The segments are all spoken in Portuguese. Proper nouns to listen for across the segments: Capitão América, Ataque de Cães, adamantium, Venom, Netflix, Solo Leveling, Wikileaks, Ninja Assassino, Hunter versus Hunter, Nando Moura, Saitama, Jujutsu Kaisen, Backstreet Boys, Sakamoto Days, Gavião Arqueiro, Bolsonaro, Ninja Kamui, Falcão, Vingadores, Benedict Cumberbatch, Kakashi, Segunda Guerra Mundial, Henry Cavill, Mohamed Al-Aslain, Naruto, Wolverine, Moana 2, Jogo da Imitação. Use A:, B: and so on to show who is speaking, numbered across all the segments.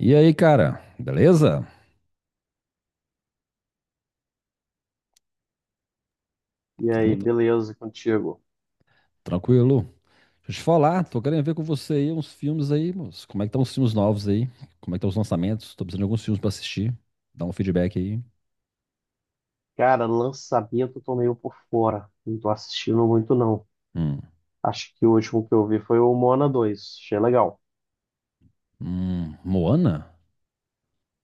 A: E aí, cara, beleza?
B: E aí,
A: Tamo t-
B: beleza contigo?
A: Tranquilo? Deixa eu te falar, tô querendo ver com você aí uns filmes aí, moço. Como é que estão os filmes novos aí? Como é que estão os lançamentos? Tô precisando de alguns filmes pra assistir. Dá um feedback aí.
B: Cara, lançamento eu tô meio por fora. Não tô assistindo muito, não.
A: Hum,
B: Acho que o último que eu vi foi o Moana 2. Achei legal.
A: Moana?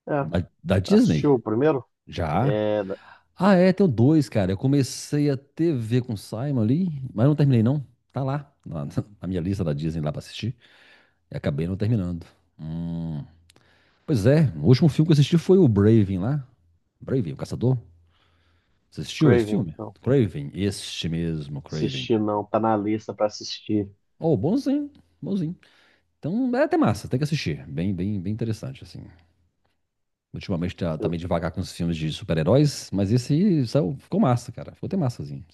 B: É,
A: Da
B: assistiu
A: Disney?
B: o primeiro?
A: Já?
B: É.
A: Ah, é, tem dois, cara. Eu comecei a TV com o Simon ali, mas não terminei não. Tá lá, na, na minha lista da Disney lá pra assistir. E acabei não terminando. Hum. Pois é, o último filme que eu assisti foi o Braving lá. Braving, o Caçador. Você assistiu esse
B: Craven,
A: filme?
B: não.
A: Craven, este mesmo, Craven.
B: Assisti não, tá na lista pra assistir.
A: Oh, bonzinho, bonzinho. Então é até massa, tem que assistir. Bem, bem, bem interessante, assim. Ultimamente tá
B: Eu,
A: meio devagar com os filmes de super-heróis, mas esse aí saiu, ficou massa, cara. Ficou até massazinho.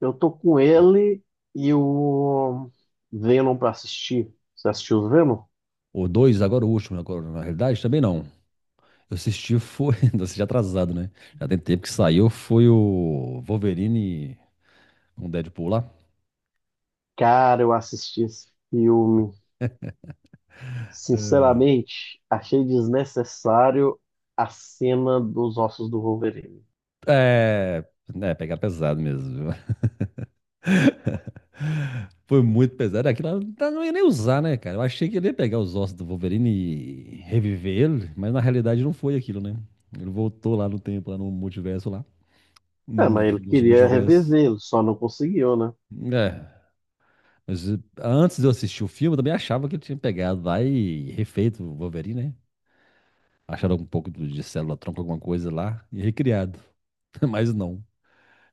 B: eu tô com ele e o Venom pra assistir. Você assistiu o Venom?
A: O dois, agora o último, agora, na realidade, também não. Eu assisti, foi. Eu assisti atrasado, né? Já tem tempo que saiu, foi o Wolverine com o Deadpool lá.
B: Cara, eu assisti esse filme. Sinceramente, achei desnecessário a cena dos ossos do Wolverine.
A: É. É, pegar pesado mesmo. Viu? Foi muito pesado. Aquilo lá não ia nem usar, né, cara? Eu achei que ele ia pegar os ossos do Wolverine e reviver ele, mas na realidade não foi aquilo, né? Ele voltou lá no tempo, lá no multiverso, lá.
B: É,
A: Num
B: mas
A: dos,
B: ele
A: dos
B: queria
A: multiversos.
B: reviver, lo só não conseguiu, né?
A: É. Mas antes de eu assistir o filme, eu também achava que ele tinha pegado lá e refeito o Wolverine, né? Acharam um pouco de célula tronco, alguma coisa lá, e recriado. Mas não.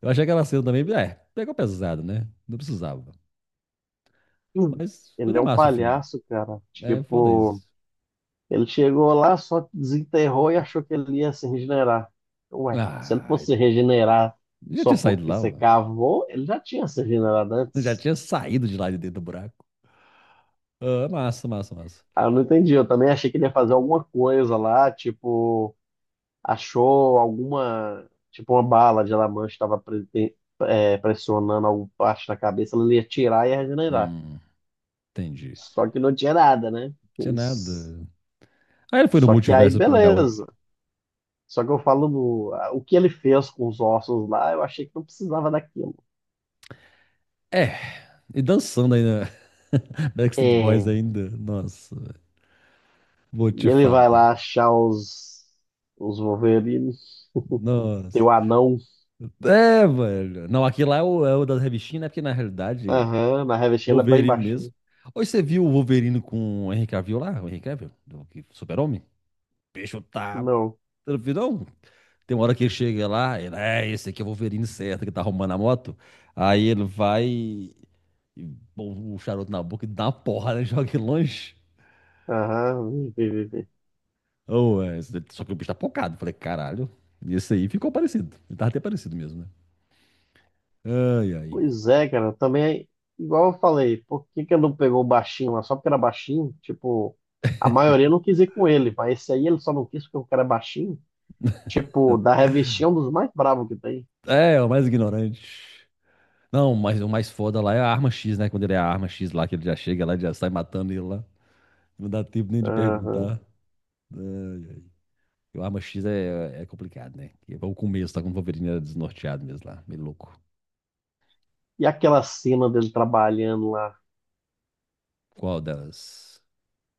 A: Eu achei aquela cena também, é, pegou pesado, né? Não precisava.
B: Hum.
A: Mas foi
B: Ele
A: de
B: é um
A: massa o filme.
B: palhaço, cara.
A: É foda
B: Tipo,
A: isso.
B: ele chegou lá, só desenterrou e achou que ele ia se regenerar. Ué, se ele
A: Ah,
B: fosse regenerar
A: já
B: só
A: tinha saído
B: porque
A: lá,
B: você
A: ó.
B: cavou, ele já tinha se regenerado
A: Já
B: antes.
A: tinha saído de lá de dentro do buraco. Ah, massa, massa, massa.
B: Ah, eu não entendi. Eu também achei que ele ia fazer alguma coisa lá, tipo, achou alguma, tipo, uma bala de adamantium estava pressionando alguma parte da cabeça, ele ia tirar e ia regenerar.
A: Hum, entendi.
B: Só que não tinha nada, né?
A: Não tinha nada. Aí ele foi no
B: Só que aí,
A: multiverso pegar outro.
B: beleza. Só que eu falo, o que ele fez com os ossos lá, eu achei que não precisava daquilo.
A: É, e dançando ainda. Backstreet Boys
B: É,
A: ainda. Nossa, vou te
B: e ele vai
A: falar.
B: lá achar os Wolverine, tem
A: Nossa.
B: o anão.
A: É, velho. Não, aqui lá é o, é o das revistinhas, né? Porque na realidade,
B: Aham, na
A: o
B: revistinha ele é bem
A: Wolverine
B: baixinho.
A: mesmo. Hoje você viu o Wolverine com o Henry Cavill lá? O Henry Cavill? Super-Homem? O bicho tá.
B: Não.
A: Você não viu, não? Tem uma hora que ele chega lá, ele, é, esse aqui é o Wolverine certo, que tá arrumando a moto. Aí ele vai, e põe o charuto na boca e dá uma porrada, né, joga ele longe.
B: Aham, vê, vê, vê.
A: Oh, é, só que o bicho tá focado. Falei, caralho, esse aí ficou parecido. Ele tava até parecido mesmo, né? Ai, ai.
B: Pois é, cara, também, igual eu falei, por que que ele não pegou o baixinho lá? Só porque era baixinho? Tipo, a maioria não quis ir com ele, mas esse aí ele só não quis porque o cara é baixinho? Tipo, da revistinha é um dos mais bravos que tem.
A: É, o mais ignorante. Não, mas o mais foda lá é a arma X, né? Quando ele é a arma X lá, que ele já chega lá, ele já sai matando ele lá. Não dá tempo nem de
B: Aham.
A: perguntar. Ai, ai. O Arma X é complicado, né? Que é o começo, tá com o Wolverine era desnorteado mesmo lá, meio louco.
B: E aquela cena dele trabalhando lá,
A: Qual delas?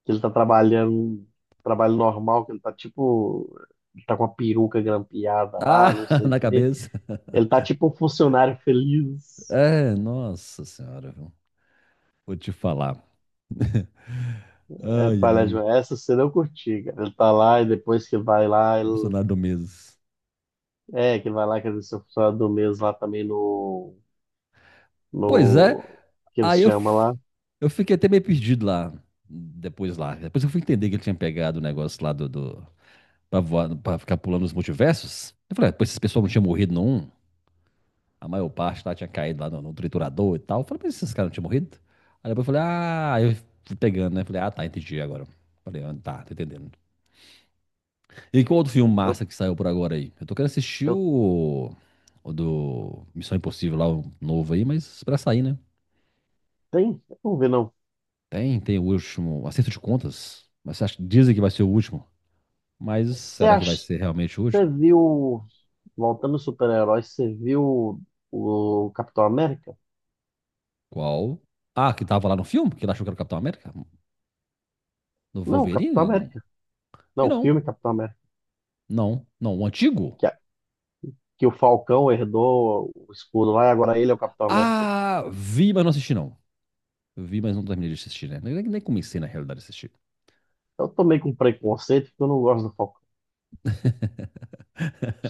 B: que ele tá trabalhando, trabalho normal, que ele tá tipo, ele tá com a peruca grampeada lá, não
A: Ah,
B: sei o
A: na
B: quê.
A: cabeça.
B: Ele tá tipo um funcionário feliz.
A: É, nossa senhora, viu? Vou te falar.
B: É,
A: Ai,
B: palhaço,
A: ai,
B: essa cena eu curti, cara. Ele tá lá e depois que vai lá, ele,
A: Bolsonaro do mês.
B: é, que vai lá, quer dizer, seu funcionário do mês lá também no,
A: Pois é,
B: no, que eles
A: aí
B: chamam lá.
A: eu fiquei até meio perdido lá. Depois eu fui entender que ele tinha pegado o negócio lá do, do pra voar, pra ficar pulando os multiversos. Eu falei, ah, pô, esse pessoal não tinha morrido não? A maior parte lá tinha caído lá no triturador e tal. Eu falei, mas esses caras não tinham morrido? Aí depois eu falei, ah, aí eu fui pegando, né? Falei, ah, tá, entendi agora. Falei, ah, tá, tô entendendo. E qual outro filme
B: Eu,
A: massa que saiu por agora aí? Eu tô querendo assistir
B: eu
A: o do Missão Impossível lá, o novo aí, mas pra sair, né?
B: tenho, eu não vi não.
A: Tem o último, acerto de contas. Mas você dizem que vai ser o último. Mas
B: Você
A: será que vai
B: acha,
A: ser realmente o
B: você
A: último?
B: viu Voltando aos super-heróis, você viu o Capitão América?
A: Qual? Ah, que tava lá no filme, que ele achou que era o Capitão América? No
B: Não, o Capitão
A: Wolverine? Não.
B: América.
A: E
B: Não, o
A: não.
B: filme Capitão América.
A: Não, não. O antigo?
B: Que, a- que o Falcão herdou o escudo lá e agora ele é o Capitão América.
A: Ah, vi, mas não assisti não. Vi, mas não terminei de assistir, né? Nem comecei, na realidade, a assistir.
B: Eu tomei com preconceito porque eu não gosto do Falcão.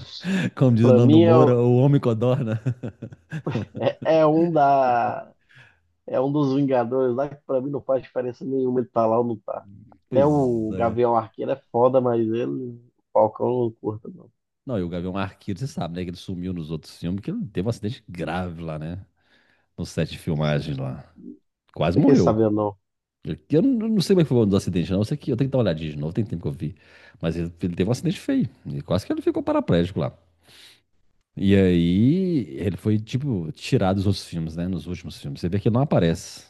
A: Como diz o
B: Pra
A: Nando
B: mim
A: Moura, o homem codorna.
B: é, é um da, é um dos Vingadores lá que pra mim não faz diferença nenhuma ele tá lá ou não tá. Até
A: Pois
B: o
A: é.
B: Gavião Arqueiro é foda, mas ele, o Falcão eu não curta, não.
A: Não, e o Gavião Arqueiro, você sabe, né? Que ele sumiu nos outros filmes, que ele teve um acidente grave lá, né? No set de filmagem lá. Quase
B: Fiquei
A: morreu.
B: sabendo, não.
A: Eu não sei como é que foi o dos acidentes, não. Eu sei que eu tenho que dar uma olhadinha de novo, tem tempo que eu vi. Mas ele teve um acidente feio. E quase que ele ficou paraplégico lá. E aí, ele foi, tipo, tirado dos outros filmes, né? Nos últimos filmes. Você vê que ele não aparece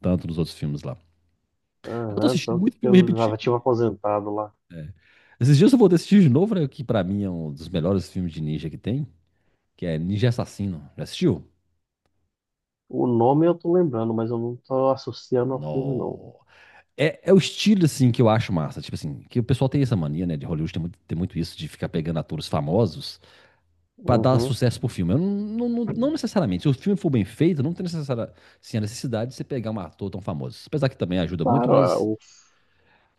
A: tanto nos outros filmes lá. Eu tô
B: Aham,
A: assistindo
B: tanto
A: muito
B: que
A: filme
B: eu
A: repetido.
B: já tinha um aposentado lá.
A: Esses dias eu vou assistir de novo, né? Que pra mim é um dos melhores filmes de ninja que tem, que é Ninja Assassino. Já assistiu?
B: O nome eu tô lembrando, mas eu não tô associando ao filme, não.
A: No. É o estilo, assim, que eu acho massa. Tipo assim, que o pessoal tem essa mania, né? De Hollywood tem muito isso de ficar pegando atores famosos pra dar
B: Uhum.
A: sucesso pro filme. Eu não necessariamente. Se o filme for bem feito, não tem necessária, assim, a necessidade de você pegar um ator tão famoso. Apesar que também ajuda muito,
B: Claro, é
A: mas.
B: o...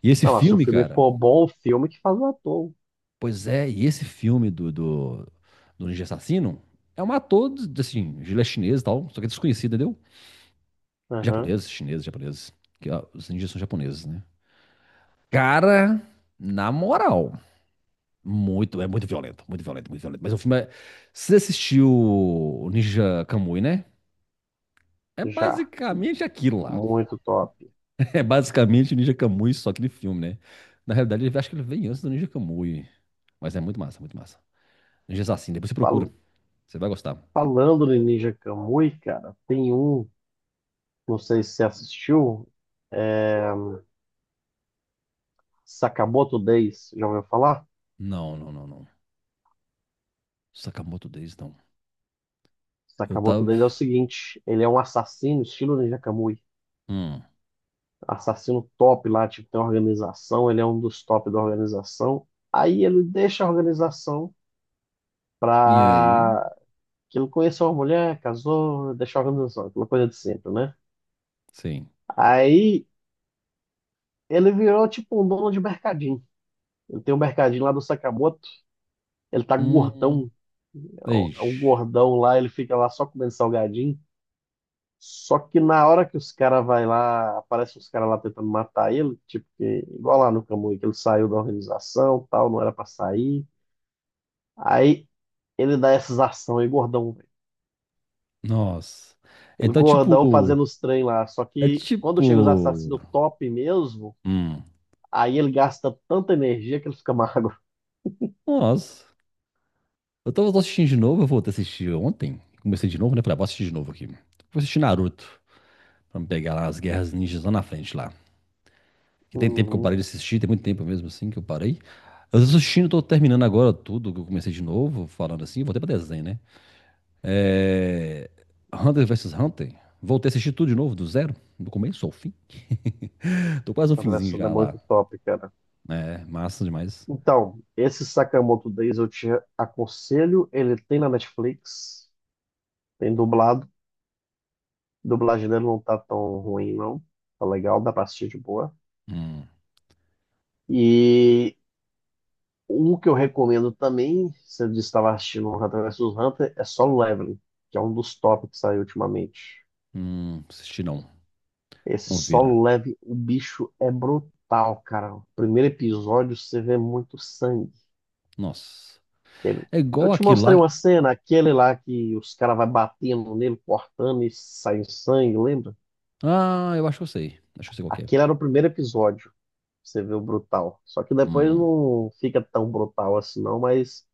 A: E esse
B: Não, se o
A: filme,
B: filme
A: cara,
B: for bom, o filme que faz o ator.
A: Pois é, e esse filme do Ninja Assassino é um ator, assim, ele é chinês e tal, só que é desconhecido, entendeu?
B: Aham.
A: Japonês, chinês, japoneses. Que, ó, os ninjas são japoneses, né? Cara, na moral, muito, é muito violento, muito violento, muito violento. Mas o filme é... Se você assistiu o Ninja Kamui, né? É
B: Já.
A: basicamente aquilo lá.
B: Muito top.
A: É basicamente o Ninja Kamui, só aquele filme, né? Na realidade, eu acho que ele veio antes do Ninja Kamui. Mas é muito massa, muito massa. Ninja Assassino, depois você procura.
B: Fal-
A: Você vai gostar.
B: Falando de Ninja Kamui, cara, tem um, não sei se você assistiu, é... Sakamoto Days, já ouviu falar?
A: Não, não, não, não. Sakamoto Days, não. Eu
B: Sakamoto
A: tava.
B: Days é o seguinte, ele é um assassino estilo Ninja Kamui.
A: Hum.
B: Assassino top lá, tipo, tem uma organização, ele é um dos top da organização. Aí ele deixa a organização
A: E aí?
B: pra que ele conheceu uma mulher, casou, deixou a organização, aquela coisa de sempre, né?
A: Sim.
B: Aí ele virou tipo um dono de mercadinho. Ele tem um mercadinho lá do Sakamoto, ele tá
A: Hum.
B: gordão, é um
A: Ixi.
B: gordão lá, ele fica lá só comendo salgadinho. Só que na hora que os caras vai lá, aparecem os caras lá tentando matar ele, tipo, que, igual lá no Kamui, que ele saiu da organização, tal, não era pra sair. Aí ele dá essas ações aí, gordão.
A: Nossa.
B: Ele
A: Então,
B: gordão
A: tipo.
B: fazendo os trem lá. Só
A: É
B: que quando chega os
A: tipo.
B: assassinos top mesmo,
A: Hum.
B: aí ele gasta tanta energia que ele fica magro.
A: Nossa. Eu tava assistindo de novo, eu voltei a assistir ontem. Comecei de novo, né? Falei, ah, vou assistir de novo aqui. Vou assistir Naruto. Pra me pegar lá as guerras ninjas lá na frente lá. Que tem tempo que eu
B: Uhum.
A: parei de assistir, tem muito tempo mesmo assim que eu parei. Eu tô assistindo, tô terminando agora tudo que eu comecei de novo, falando assim, voltei pra desenho, né? É... Hunter versus Hunter. Voltei a assistir tudo de novo, do zero, do começo ao fim. Tô quase no
B: A
A: finzinho
B: conversa é
A: já lá.
B: muito top, cara.
A: É massa demais.
B: Então, esse Sakamoto Days eu te aconselho. Ele tem na Netflix, tem dublado. A dublagem dele não tá tão ruim, não. Tá legal, dá pra assistir de boa.
A: Hum,
B: E um que eu recomendo também, se você estava assistindo Hunter vs Hunter, é Solo Leveling, que é um dos top que saiu ultimamente.
A: assisti não.
B: Esse
A: Não vira.
B: solo leve, o bicho é brutal, cara. O primeiro episódio você vê muito sangue.
A: Nossa.
B: Ele-
A: É
B: Eu
A: igual
B: te
A: aquilo
B: mostrei uma
A: lá.
B: cena, aquele lá que os caras vai batendo nele, cortando e sai sangue, lembra?
A: Ah, eu acho que eu sei. Acho que eu sei qual que
B: Aquele
A: é.
B: era o primeiro episódio, você vê o brutal. Só que depois
A: Hum.
B: não fica tão brutal assim não, mas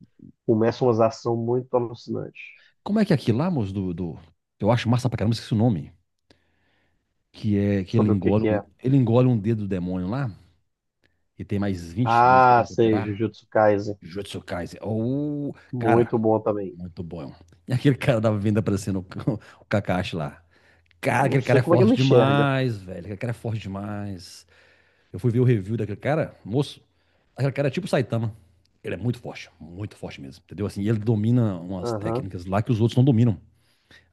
B: começa umas ações muito alucinantes.
A: Como é que é aquilo lá, moço, Eu acho massa pra caramba, esqueci o nome. Que é que ele
B: Sobre o que
A: engole,
B: que é.
A: ele engole um dedo do demônio lá. E tem mais 20 dedos pra ele
B: Ah, sei,
A: recuperar.
B: Jujutsu Kaisen.
A: Jujutsu Kaisen. Ou. Cara,
B: Muito bom também.
A: muito bom. E aquele cara da vinda aparecendo, o o Kakashi lá. Cara,
B: Eu não
A: aquele cara
B: sei
A: é
B: como é que ele
A: forte
B: enxerga.
A: demais, velho. Aquele cara é forte demais. Eu fui ver o review daquele cara, moço. Aquele cara é tipo o Saitama. Ele é muito forte mesmo, entendeu? Assim, ele domina umas
B: Aham.
A: técnicas lá que os outros não dominam.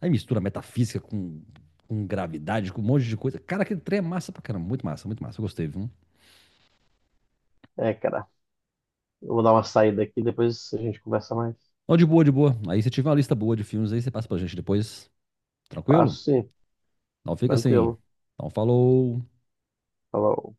A: Aí mistura metafísica com gravidade, com um monte de coisa. Cara, aquele trem é massa pra caramba. Muito massa, muito massa. Eu gostei, viu?
B: É, cara, eu vou dar uma saída aqui, depois a gente conversa mais.
A: Ó, de boa, de boa. Aí você tiver uma lista boa de filmes aí, você passa pra gente depois. Tranquilo?
B: Passo sim,
A: Não fica assim.
B: tranquilo.
A: Então, falou.
B: Falou.